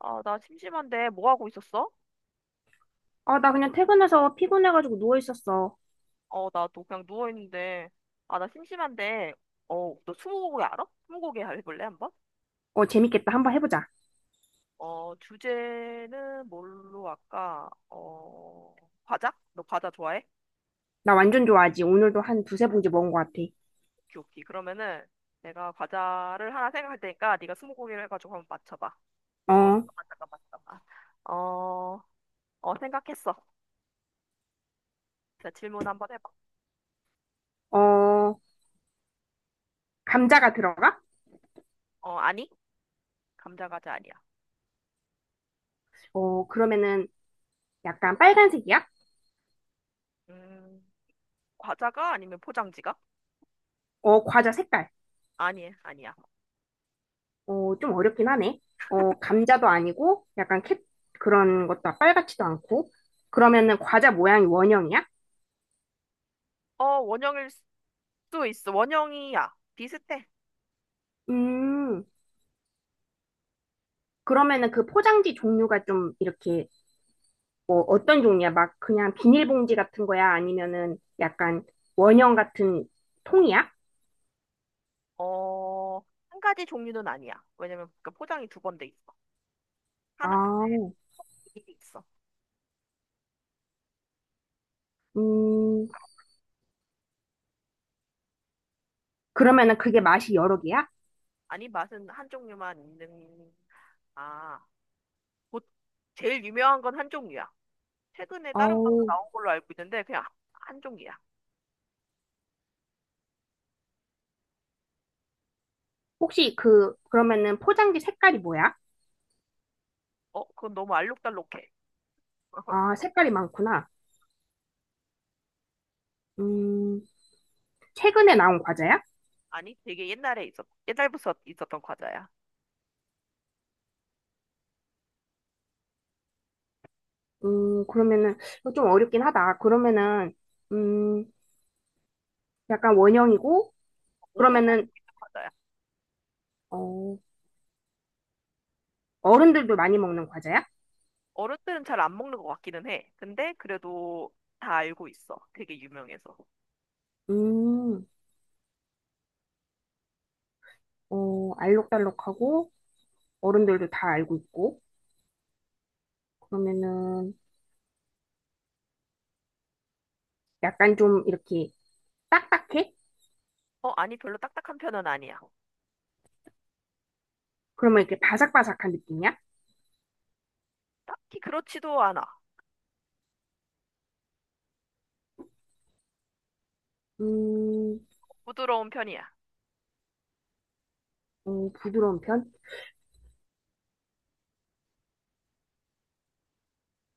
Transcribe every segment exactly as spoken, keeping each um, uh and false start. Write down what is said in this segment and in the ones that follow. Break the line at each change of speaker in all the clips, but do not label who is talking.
아, 나 심심한데 뭐 하고 있었어?
아, 나 그냥 퇴근해서 피곤해가지고 누워 있었어.
어, 나도 그냥 누워 있는데. 아, 나 심심한데. 어, 너 스무고개 알아? 스무고개 해볼래 한번?
어, 재밌겠다. 한번 해보자.
어, 주제는 뭘로 할까? 어, 과자? 너 과자 좋아해?
나 완전 좋아하지. 오늘도 한 두세 봉지 먹은 것 같아.
오케이, 오케이. 그러면은 내가 과자를 하나 생각할 테니까 네가 스무고개를 해가지고 한번 맞춰봐. 어,
어,
잠깐만, 잠깐만, 잠깐만. 어, 어, 생각했어. 자, 질문 한번 해봐.
어, 감자가 들어가?
어, 아니? 감자 과자 아니야.
어, 그러면은 약간 빨간색이야?
음, 과자가 아니면 포장지가?
어, 과자 색깔.
아니, 아니야.
어, 좀 어렵긴 하네. 어, 감자도 아니고 약간 캣 그런 것도 빨갛지도 않고. 그러면은 과자 모양이 원형이야?
어, 원형일 수도 있어. 원형이야. 비슷해.
음, 그러면은 그 포장지 종류가 좀 이렇게 뭐 어떤 종류야? 막 그냥 비닐봉지 같은 거야? 아니면은 약간 원형 같은 통이야?
어, 한 가지 종류는 아니야. 왜냐면 그 포장이 두 번 돼 있어. 하나,
아,
근데 이게 있어.
음, 그러면은 그게 맛이 여러 개야?
아니, 맛은 한 종류만 있는, 아, 보- 제일 유명한 건 한 종류야. 최근에 다른 맛도
어우,
나온 걸로 알고 있는데, 그냥 한 종류야.
혹시 그, 그러면은 포장지 색깔이 뭐야?
어, 그건 너무 알록달록해.
아, 색깔이 많구나. 음, 최근에 나온 과자야?
아니, 되게 옛날에 있었, 옛날부터 있었던 과자야.
음, 그러면은 이거 좀 어렵긴 하다. 그러면은, 음, 약간 원형이고,
모두가 알고
그러면은,
있는 과자야.
어, 어른들도 많이 먹는 과자야?
어른들은 잘 안 먹는 것 같기는 해. 근데 그래도 다 알고 있어. 되게 유명해서.
음, 어, 알록달록하고, 어른들도 다 알고 있고, 그러면은 약간 좀 이렇게 딱딱해?
어, 아니, 별로 딱딱한 편은 아니야.
그러면 이렇게 바삭바삭한 느낌이야?
딱히 그렇지도 않아.
음,
부드러운 편이야.
어, 부드러운 편?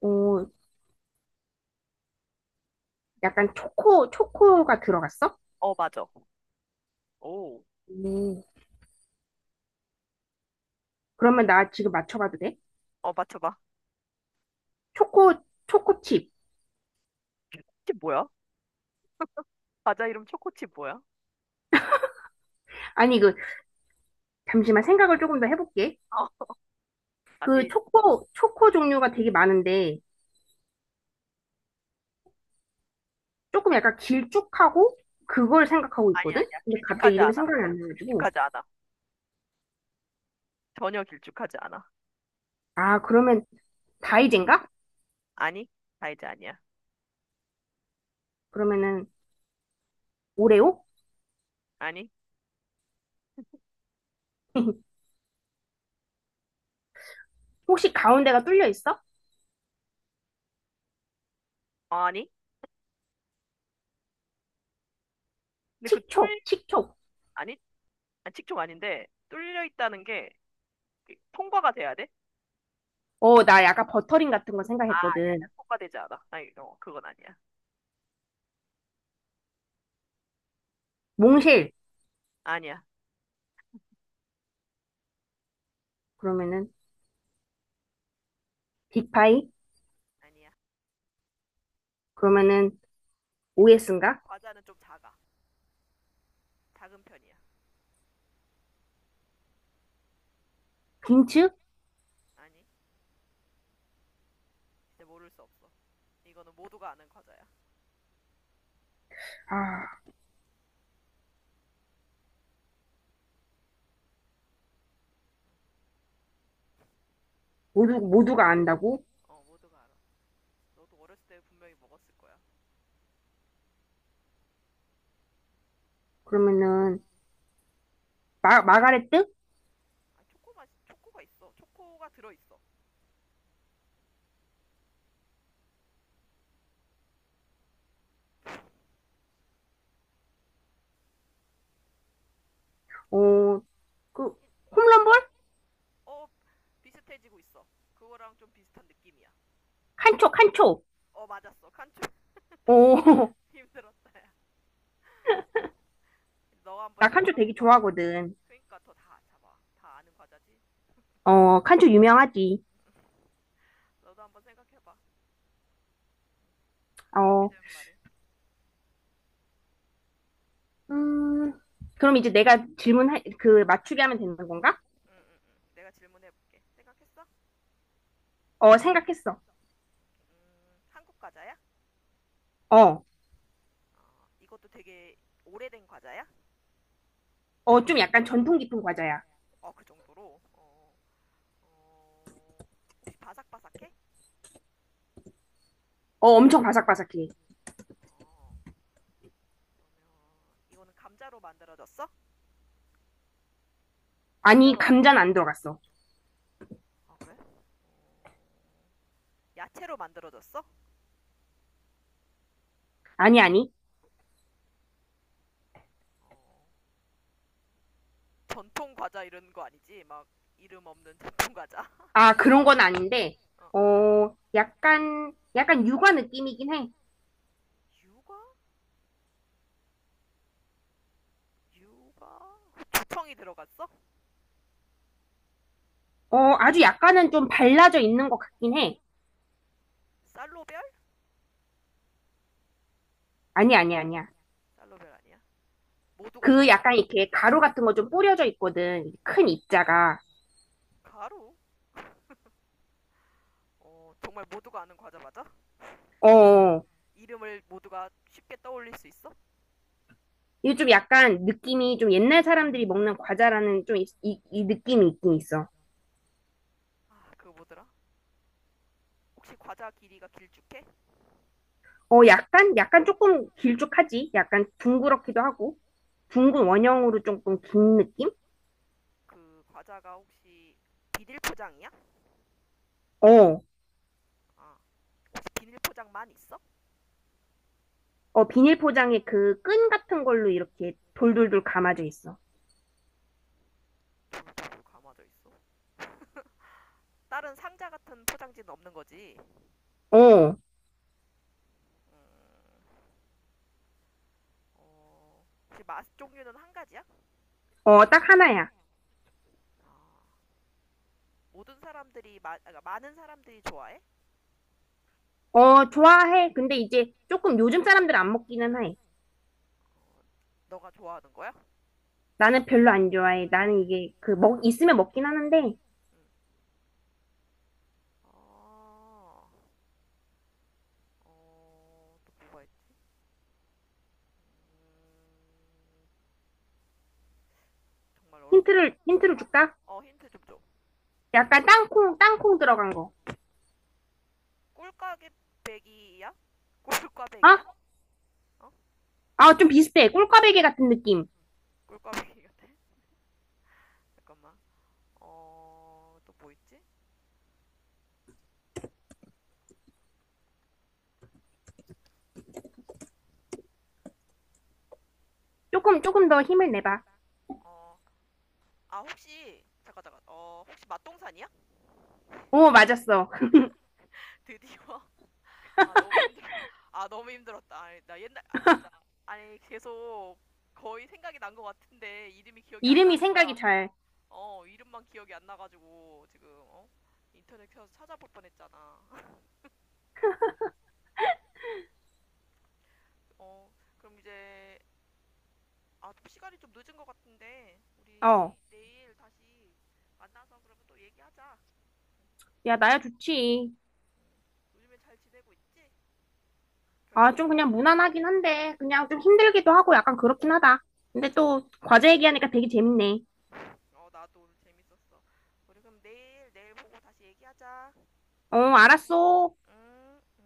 어, 약간 초코, 초코가 들어갔어?
어, 맞아. 오.
음, 그러면 나 지금 맞춰봐도 돼?
어, 맞춰봐.
초코, 초코칩.
칩 뭐야? 과자 이름 초코칩 뭐야?
아니, 그, 잠시만 생각을 조금 더 해볼게.
어,
그
다시.
초코, 초코 종류가 되게 많은데, 조금 약간 길쭉하고, 그걸 생각하고
아니,
있거든?
아니야.
근데 갑자기
길쭉하지
이름이
않아.
생각이 안 나가지고.
길쭉하지 않아. 전혀 길쭉하지 않아.
아, 그러면 다이젠가?
아니, 다이제 아니야.
그러면은 오레오?
아니,
혹시 가운데가 뚫려 있어?
어, 아니. 근데 그 뚫,
칙촉, 칙촉.
아니, 아, 식초 아닌데, 뚫려 있다는 게그 통과가 돼야 돼?
어, 나 약간 버터링 같은 거
아, 아니야, 아니야.
생각했거든.
통과되지 않아. 아니, 어, 그건 아니야.
몽실.
아니야.
그러면은 빅파이.
아니야.
그러면은
힌트를 줄게.
오에스인가?
과자는 좀 작아. 작은 편이야.
빈츠?
아니, 이제 모를 수 없어. 이거는 모두가 아는 과자야.
아, 모두 모두가 안다고?
어, 모두가 알아. 너도 어렸을 때 분명히 먹었을 거야.
그러면은 마 마가레트?
아, 초코 맛, 초코가 있어. 초코가 들어 있어.
어, 그
힌트를.
홈런볼?
어, 비슷해지고 있어. 그거랑 좀 비슷한 느낌이야. 그,
칸초, 칸초.
어 맞았어. 칸초
어,
힘들었다야. 너 한번
나
이제
칸초 되게
생각해봐.
좋아하거든.
그러니까 더 다 잡아. 다 아는 과자지.
어, 칸초 유명하지.
너도 한번 생각해봐.
어,
준비되면 말해.
음, 그럼 이제 내가 질문 할 그 맞추게 하면 되는 건가?
응응응. 내가 질문해볼게. 생각했어?
어, 생각했어.
음, 한국 과자야?
어,
어, 이것도 되게 오래된 과자야?
어, 좀 약간 전통 깊은 과자야.
어, 그 정도로. 어, 어, 혹시 바삭바삭해?
어, 엄청 바삭바삭해.
어, 그러면 이거는 감자로 만들어졌어?
아니,
감자로 만.
감자는 안 들어갔어.
아 그래? 야채로 만들어졌어?
아니, 아니.
어, 전통 과자 이런 거 아니지? 막 이름 없는 전통 과자.
아, 그런 건 아닌데,
어, 어.
어, 약간, 약간 육아 느낌이긴 해.
유과? 유과? 두청이 들어갔어?
어, 아주 약간은 좀 발라져 있는 것 같긴 해.
쌀로별?
아니, 아니, 아니야.
쌀로별 아니야? 모두가
그
잘 알아?
약간 이렇게
응.
가루 같은 거 좀 뿌려져 있거든. 큰 입자가.
가루? 어, 정말 모두가 아는 과자 맞아?
어,
이름을 모두가 쉽게 떠올릴 수 있어?
이게 좀 약간
응.
느낌이 좀 옛날 사람들이 먹는 과자라는 좀 이, 이, 이 느낌이 있긴 있어.
아, 그거 뭐더라? 혹시 과자 길이가 길쭉해?
어, 약간, 약간 조금 길쭉하지? 약간 둥그렇기도 하고, 둥근 원형으로 조금 긴 느낌?
그 과자가 혹시 비닐 포장이야?
어.
아, 비닐 포장만 있어?
어, 비닐 포장에 그 끈 같은 걸로 이렇게 돌돌돌 감아져 있어.
오, 감아져 있어. 다른 상자 같은 포장지는 없는 거지.
어,
음, 어, 혹시 맛 종류는 한 가지야?
어, 딱 하나야.
아, 모든 사람들이 마, 아, 그러니까 많은 사람들이 좋아해?
어, 좋아해. 근데 이제 조금 요즘 사람들 안 먹기는 해.
너가 좋아하는 거야?
나는 별로 안 좋아해.
좋아해.
나는 이게 그 먹, 있으면 먹긴 하는데
응. 아, 어, 또 뭐가 있지? 음, 정말 어렵네.
힌트를, 힌트를
어,
줄까?
어, 힌트 좀 줘.
약간 땅콩, 땅콩 들어간 거.
꿀꽈배기야? 꿀꽈배기야?
어?
어?
아, 좀 비슷해. 꿀꽈배기 같은 느낌.
꿀꽈배기 같아? 잠깐만. 어, 또 뭐 있지?
조금, 조금 더 힘을 내봐.
어, 아, 혹시, 잠깐, 잠깐, 어, 혹시 맛동산이야?
어, 맞았어.
드디어. 아, 너무 힘들어. 아, 너무 힘들었다. 아니, 나 옛날, 아, 진짜. 아니, 계속 거의 생각이 난 것 같은데, 이름이 기억이 안
이름이
나는
생각이
거야.
잘.
어, 이름만 기억이 안 나가지고, 지금, 어? 인터넷 켜서 찾아볼 뻔 했잖아. 어, 그럼 이제, 아, 시간이 좀 늦은 것 같은데, 우리
어,
내일 다시 만나서 그러면 또 얘기하자.
야, 나야 좋지.
요즘에 잘 지내고 있지? 별일
아, 좀
없고?
그냥 무난하긴 한데, 그냥 좀 힘들기도 하고 약간 그렇긴 하다. 근데 또 과제 얘기하니까 되게 재밌네.
어, 나도 오늘 재밌었어. 우리 그럼 내일, 내일 보고 다시 얘기하자.
어,
안녕.
알았어.
응.